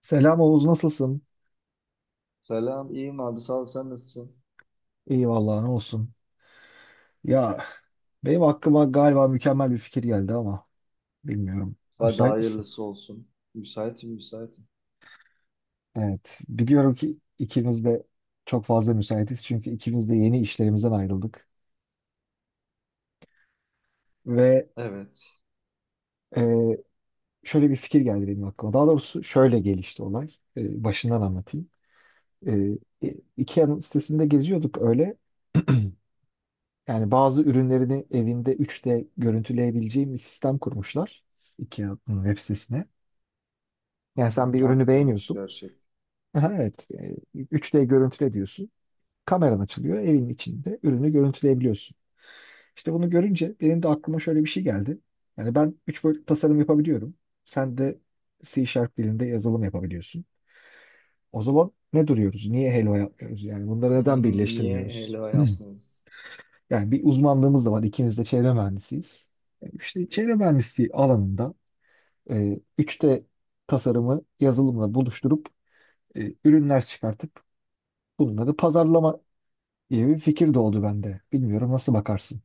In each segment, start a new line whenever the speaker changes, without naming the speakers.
Selam Oğuz, nasılsın?
Selam, iyiyim abi. Sağ ol, sen nasılsın?
İyi vallahi, ne olsun. Ya benim aklıma galiba mükemmel bir fikir geldi ama bilmiyorum.
Hadi
Müsait misin?
hayırlısı olsun. Müsaitim.
Evet. Biliyorum ki ikimiz de çok fazla müsaitiz çünkü ikimiz de yeni işlerimizden ayrıldık. Ve
Evet.
e, şöyle bir fikir geldi benim aklıma. Daha doğrusu şöyle gelişti olay. Başından anlatayım. E, IKEA'nın sitesinde geziyorduk öyle. Yani bazı ürünlerini evinde 3D görüntüleyebileceğim bir sistem kurmuşlar. IKEA'nın web sitesine.
Hı
Yani sen bir
hı,
ürünü
aktırılmış
beğeniyorsun.
gerçek.
Aha, evet. 3D görüntüle diyorsun. Kameran açılıyor. Evin içinde ürünü görüntüleyebiliyorsun. İşte bunu görünce benim de aklıma şöyle bir şey geldi. Yani ben 3 boyutlu tasarım yapabiliyorum. Sen de C Sharp dilinde yazılım yapabiliyorsun. O zaman ne duruyoruz? Niye helva yapmıyoruz? Yani bunları
Hı hı,
neden
niye
birleştirmiyoruz?
helva yapmıyoruz?
Yani bir uzmanlığımız da var. İkimiz de çevre mühendisiyiz. İşte çevre mühendisliği alanında 3D tasarımı yazılımla buluşturup ürünler çıkartıp bunları pazarlama gibi bir fikir doğdu bende. Bilmiyorum nasıl bakarsın.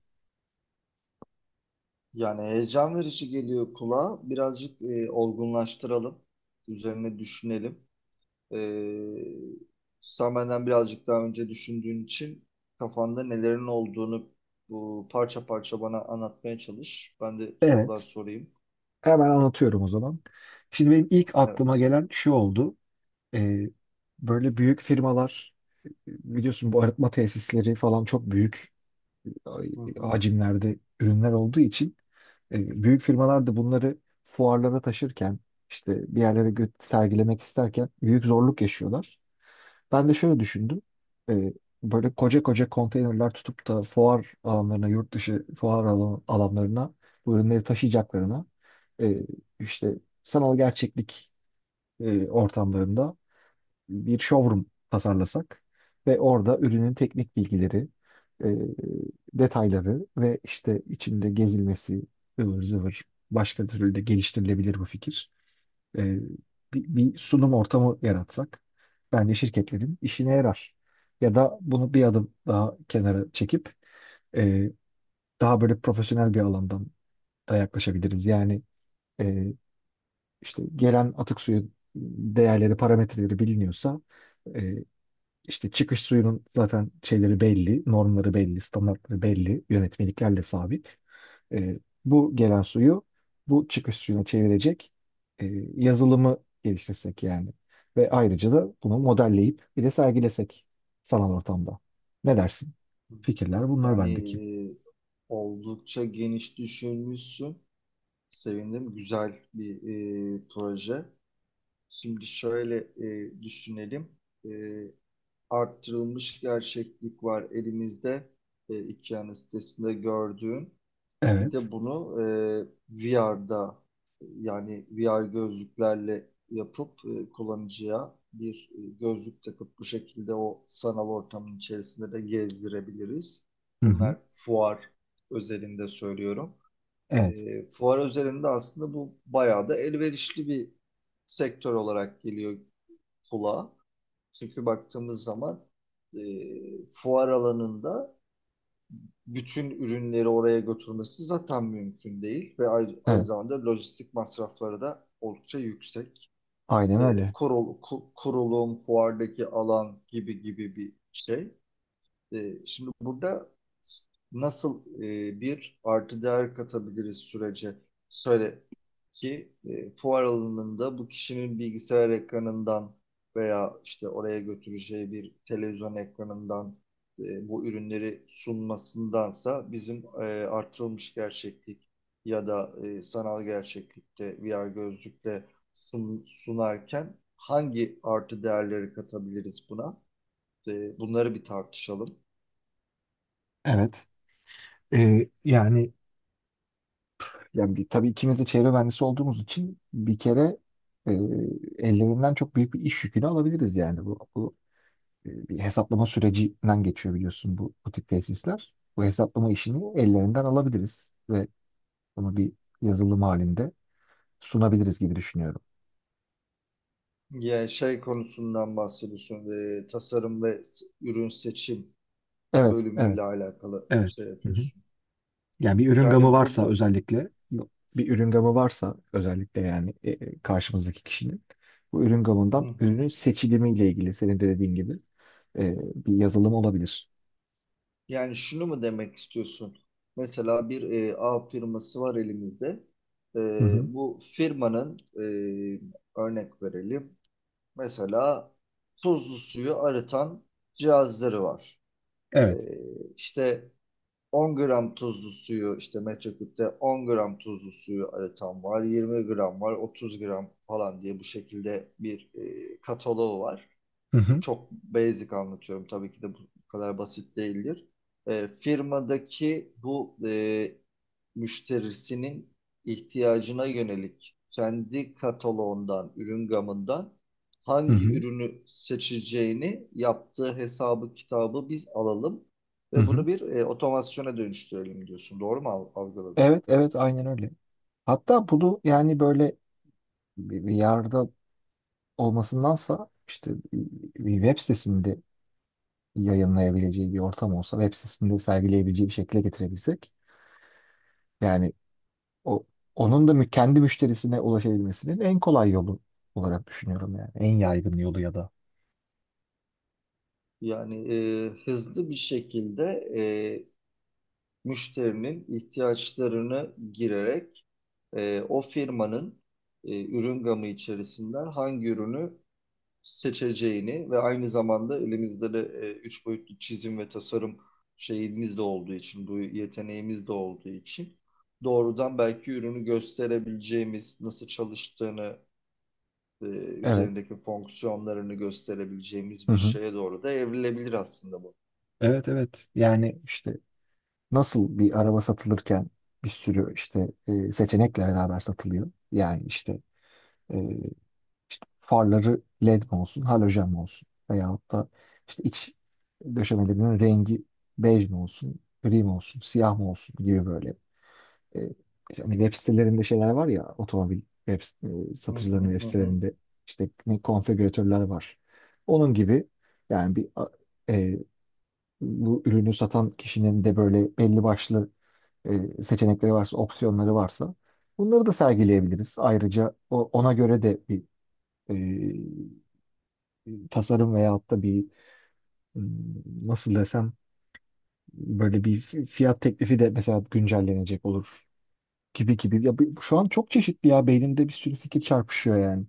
Yani heyecan verici geliyor kulağa. Birazcık olgunlaştıralım. Üzerine düşünelim. E, Sen benden birazcık daha önce düşündüğün için kafanda nelerin olduğunu bu parça parça bana anlatmaya çalış. Ben de sorular
Evet.
sorayım.
Hemen anlatıyorum o zaman. Şimdi benim ilk aklıma
Evet.
gelen şu oldu. Ee, Böyle büyük firmalar, biliyorsun bu arıtma tesisleri falan çok büyük
Hı hı.
hacimlerde ürünler olduğu için büyük firmalar da bunları fuarlara taşırken işte bir yerlere sergilemek isterken büyük zorluk yaşıyorlar. Ben de şöyle düşündüm. Ee, Böyle koca koca konteynerler tutup da fuar alanlarına, yurt dışı fuar alanlarına bu ürünleri taşıyacaklarına e, işte sanal gerçeklik ortamlarında bir showroom tasarlasak ve orada ürünün teknik bilgileri, e, detayları ve işte içinde gezilmesi, ıvır zıvır, başka türlü de geliştirilebilir bu fikir, e, bir sunum ortamı yaratsak bence şirketlerin işine yarar. Ya da bunu bir adım daha kenara çekip e, daha böyle profesyonel bir alandan da yaklaşabiliriz. Yani e, işte gelen atık suyu değerleri, parametreleri biliniyorsa, e, işte çıkış suyunun zaten şeyleri belli, normları belli, standartları belli, yönetmeliklerle sabit. Ee, Bu gelen suyu bu çıkış suyuna çevirecek e, yazılımı geliştirsek yani. Ve ayrıca da bunu modelleyip bir de sergilesek sanal ortamda. Ne dersin? Fikirler bunlar
Yani
bendeki.
e, oldukça geniş düşünmüşsün. Sevindim. Güzel bir proje. Şimdi şöyle düşünelim. E, Arttırılmış gerçeklik var elimizde. E, iki sitesinde gördüğün. Bir
Evet.
de bunu VR'da, yani VR gözlüklerle yapıp kullanıcıya bir gözlük takıp bu şekilde o sanal ortamın içerisinde de gezdirebiliriz.
Hı hı.
Bunlar fuar özelinde söylüyorum.
Evet.
E, fuar özelinde aslında bu bayağı da elverişli bir sektör olarak geliyor kulağa. Çünkü baktığımız zaman fuar alanında bütün ürünleri oraya götürmesi zaten mümkün değil ve aynı
Evet.
zamanda lojistik masrafları da oldukça yüksek.
Aynen
E,
öyle.
Kurulum, fuardaki alan gibi gibi bir şey. E, şimdi burada nasıl bir artı değer katabiliriz sürece? Söyle ki fuar alanında bu kişinin bilgisayar ekranından veya işte oraya götüreceği bir televizyon ekranından bu ürünleri sunmasındansa bizim artırılmış gerçeklik ya da sanal gerçeklikte VR gözlükle sunarken hangi artı değerleri katabiliriz buna? E, bunları bir tartışalım.
Evet. Ee, yani Yani tabii ikimiz de çevre mühendisi olduğumuz için bir kere e, ellerinden çok büyük bir iş yükünü alabiliriz yani. Bu bir hesaplama sürecinden geçiyor, biliyorsun bu tip tesisler. Bu hesaplama işini ellerinden alabiliriz ve bunu bir yazılım halinde sunabiliriz gibi düşünüyorum.
Ya şey konusundan bahsediyorsun. Tasarım ve ürün seçim
Evet,
bölümüyle
evet,
alakalı
evet.
şey
Hı hı.
yapıyorsun.
Yani bir ürün gamı
Yani burada
varsa özellikle Bir ürün gamı varsa özellikle yani, karşımızdaki kişinin bu ürün gamından
hı hı.
ürünün seçilimiyle ilgili senin de dediğin gibi bir yazılım olabilir.
Yani şunu mu demek istiyorsun? Mesela bir A firması var elimizde. E,
Hı hı.
bu firmanın e, Örnek verelim. Mesela tuzlu suyu arıtan cihazları var. E,
Evet.
işte 10 gram tuzlu suyu işte metreküpte 10 gram tuzlu suyu aratan var, 20 gram var, 30 gram falan diye bu şekilde bir kataloğu var.
Hı hı.
Çok basic anlatıyorum, tabii ki de bu kadar basit değildir. Firmadaki bu müşterisinin ihtiyacına yönelik kendi kataloğundan, ürün gamından
Hı
hangi
hı.
ürünü seçeceğini yaptığı hesabı, kitabı biz alalım
Hı
ve
hı.
bunu bir otomasyona dönüştürelim diyorsun. Doğru mu algıladım?
Evet, evet, aynen öyle. Hatta bunu yani böyle bir yerde olmasındansa işte bir web sitesinde yayınlayabileceği bir ortam olsa, web sitesinde sergileyebileceği bir şekilde getirebilsek, yani O, onun da kendi müşterisine ulaşabilmesinin en kolay yolu olarak düşünüyorum yani. En yaygın yolu ya da.
Yani hızlı bir şekilde e, müşterinin ihtiyaçlarını girerek o firmanın ürün gamı içerisinden hangi ürünü seçeceğini ve aynı zamanda elimizde de üç boyutlu çizim ve tasarım şeyimiz de olduğu için, bu yeteneğimiz de olduğu için doğrudan belki ürünü gösterebileceğimiz, nasıl çalıştığını,
Evet.
üzerindeki fonksiyonlarını gösterebileceğimiz
Hı
bir
hı.
şeye doğru da evrilebilir aslında bu.
Evet, evet. Yani İşte nasıl bir araba satılırken bir sürü işte seçenekle beraber satılıyor. Yani işte, e, işte farları LED mi olsun, halojen mi olsun, veyahut da işte iç döşemelerinin rengi bej mi olsun, gri mi olsun, siyah mı olsun gibi böyle. E, Hani web sitelerinde şeyler var ya, otomobil
Hı hı
satıcılarının web
hı. hı.
sitelerinde işte konfigüratörler var. Onun gibi yani e, bu ürünü satan kişinin de böyle belli başlı seçenekleri varsa, opsiyonları varsa, bunları da sergileyebiliriz. Ayrıca ona göre de bir tasarım veyahut da bir, m, nasıl desem, böyle bir fiyat teklifi de mesela güncellenecek olur. Gibi gibi. Ya şu an çok çeşitli, ya beynimde bir sürü fikir çarpışıyor yani.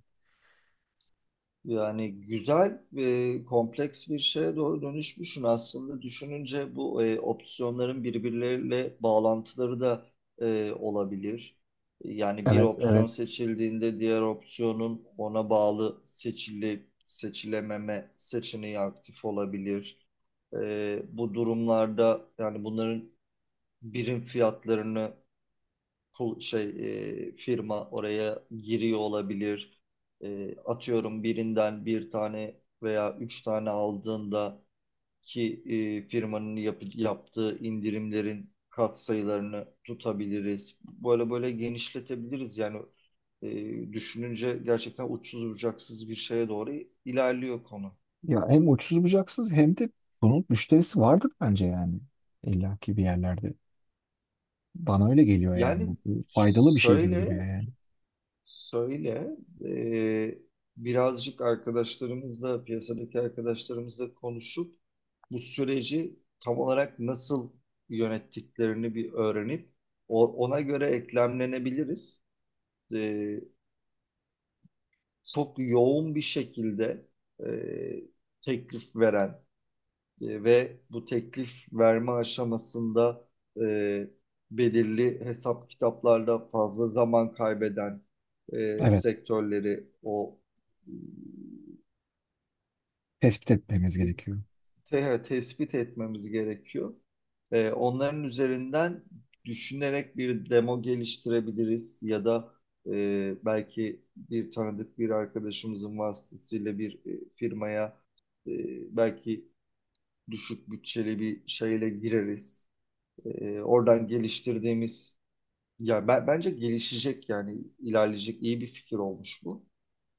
Yani güzel ve kompleks bir şeye doğru dönüşmüşsün aslında. Düşününce bu opsiyonların birbirleriyle bağlantıları da olabilir. Yani bir
Evet,
opsiyon
evet.
seçildiğinde diğer opsiyonun ona bağlı seçilememe seçeneği aktif olabilir. E, bu durumlarda yani bunların birim fiyatlarını kul- şey firma oraya giriyor olabilir. E, atıyorum birinden bir tane veya üç tane aldığında ki firmanın yaptığı indirimlerin katsayılarını tutabiliriz. Böyle böyle genişletebiliriz yani düşününce gerçekten uçsuz bucaksız bir şeye doğru ilerliyor konu.
Ya hem uçsuz bucaksız hem de bunun müşterisi vardır bence yani. İlla bir yerlerde. Bana öyle geliyor yani. Bu,
Yani
bu faydalı bir şey gibi duruyor
şöyle
yani.
Söyle, eee, Birazcık arkadaşlarımızla, piyasadaki arkadaşlarımızla konuşup bu süreci tam olarak nasıl yönettiklerini bir öğrenip ona göre eklemlenebiliriz. Eee, Çok yoğun bir şekilde eee, teklif veren ve bu teklif verme aşamasında e, belirli hesap kitaplarla fazla zaman kaybeden
Evet.
sektörleri o e,
Tespit
ne
etmemiz
diyeyim,
gerekiyor.
te- evet, tespit etmemiz gerekiyor. E, onların üzerinden düşünerek bir demo geliştirebiliriz ya da belki bir tanıdık bir arkadaşımızın vasıtasıyla bir firmaya e, belki düşük bütçeli bir şeyle gireriz. Oradan geliştirdiğimiz ya ben, Bence gelişecek, yani ilerleyecek iyi bir fikir olmuş bu.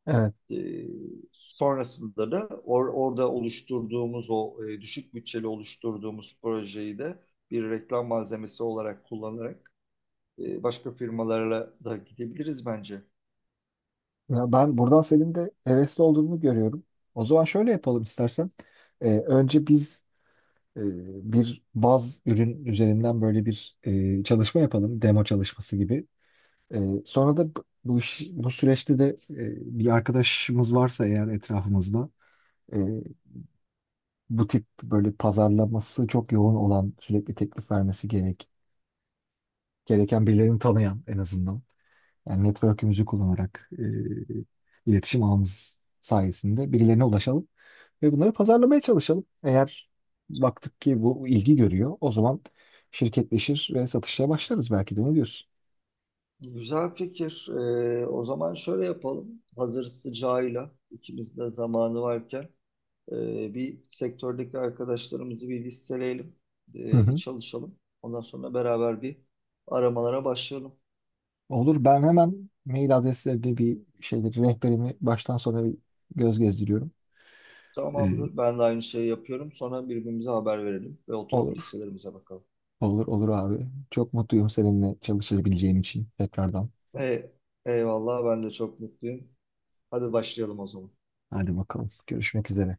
Evet.
Ee, Sonrasında da orada oluşturduğumuz o düşük bütçeli oluşturduğumuz projeyi de bir reklam malzemesi olarak kullanarak başka firmalarla da gidebiliriz bence.
Ya ben buradan senin de hevesli olduğunu görüyorum. O zaman şöyle yapalım istersen. Önce biz e, bir baz ürün üzerinden böyle bir çalışma yapalım. Demo çalışması gibi. Ee, Sonra da bu iş, bu süreçte de bir arkadaşımız varsa eğer etrafımızda, e, bu tip böyle pazarlaması çok yoğun olan, sürekli teklif vermesi gereken birilerini tanıyan, en azından yani network'ümüzü kullanarak, iletişim ağımız sayesinde birilerine ulaşalım ve bunları pazarlamaya çalışalım. Eğer baktık ki bu ilgi görüyor, o zaman şirketleşir ve satışa başlarız belki de. Ne diyorsun?
Güzel fikir. O zaman şöyle yapalım. Hazır sıcağıyla ikimiz de zamanı varken bir sektördeki arkadaşlarımızı bir listeleyelim, bir çalışalım. Ondan sonra beraber bir aramalara başlayalım.
Olur. Ben hemen mail adreslerinde bir şeyleri, rehberimi baştan sona bir göz gezdiriyorum. Ee,
Tamamdır. Ben de aynı şeyi yapıyorum. Sonra birbirimize haber verelim ve oturup
olur.
listelerimize bakalım.
Olur olur abi. Çok mutluyum seninle çalışabileceğim için tekrardan.
Ee, Eyvallah. Ben de çok mutluyum. Hadi başlayalım o zaman.
Hadi bakalım. Görüşmek üzere.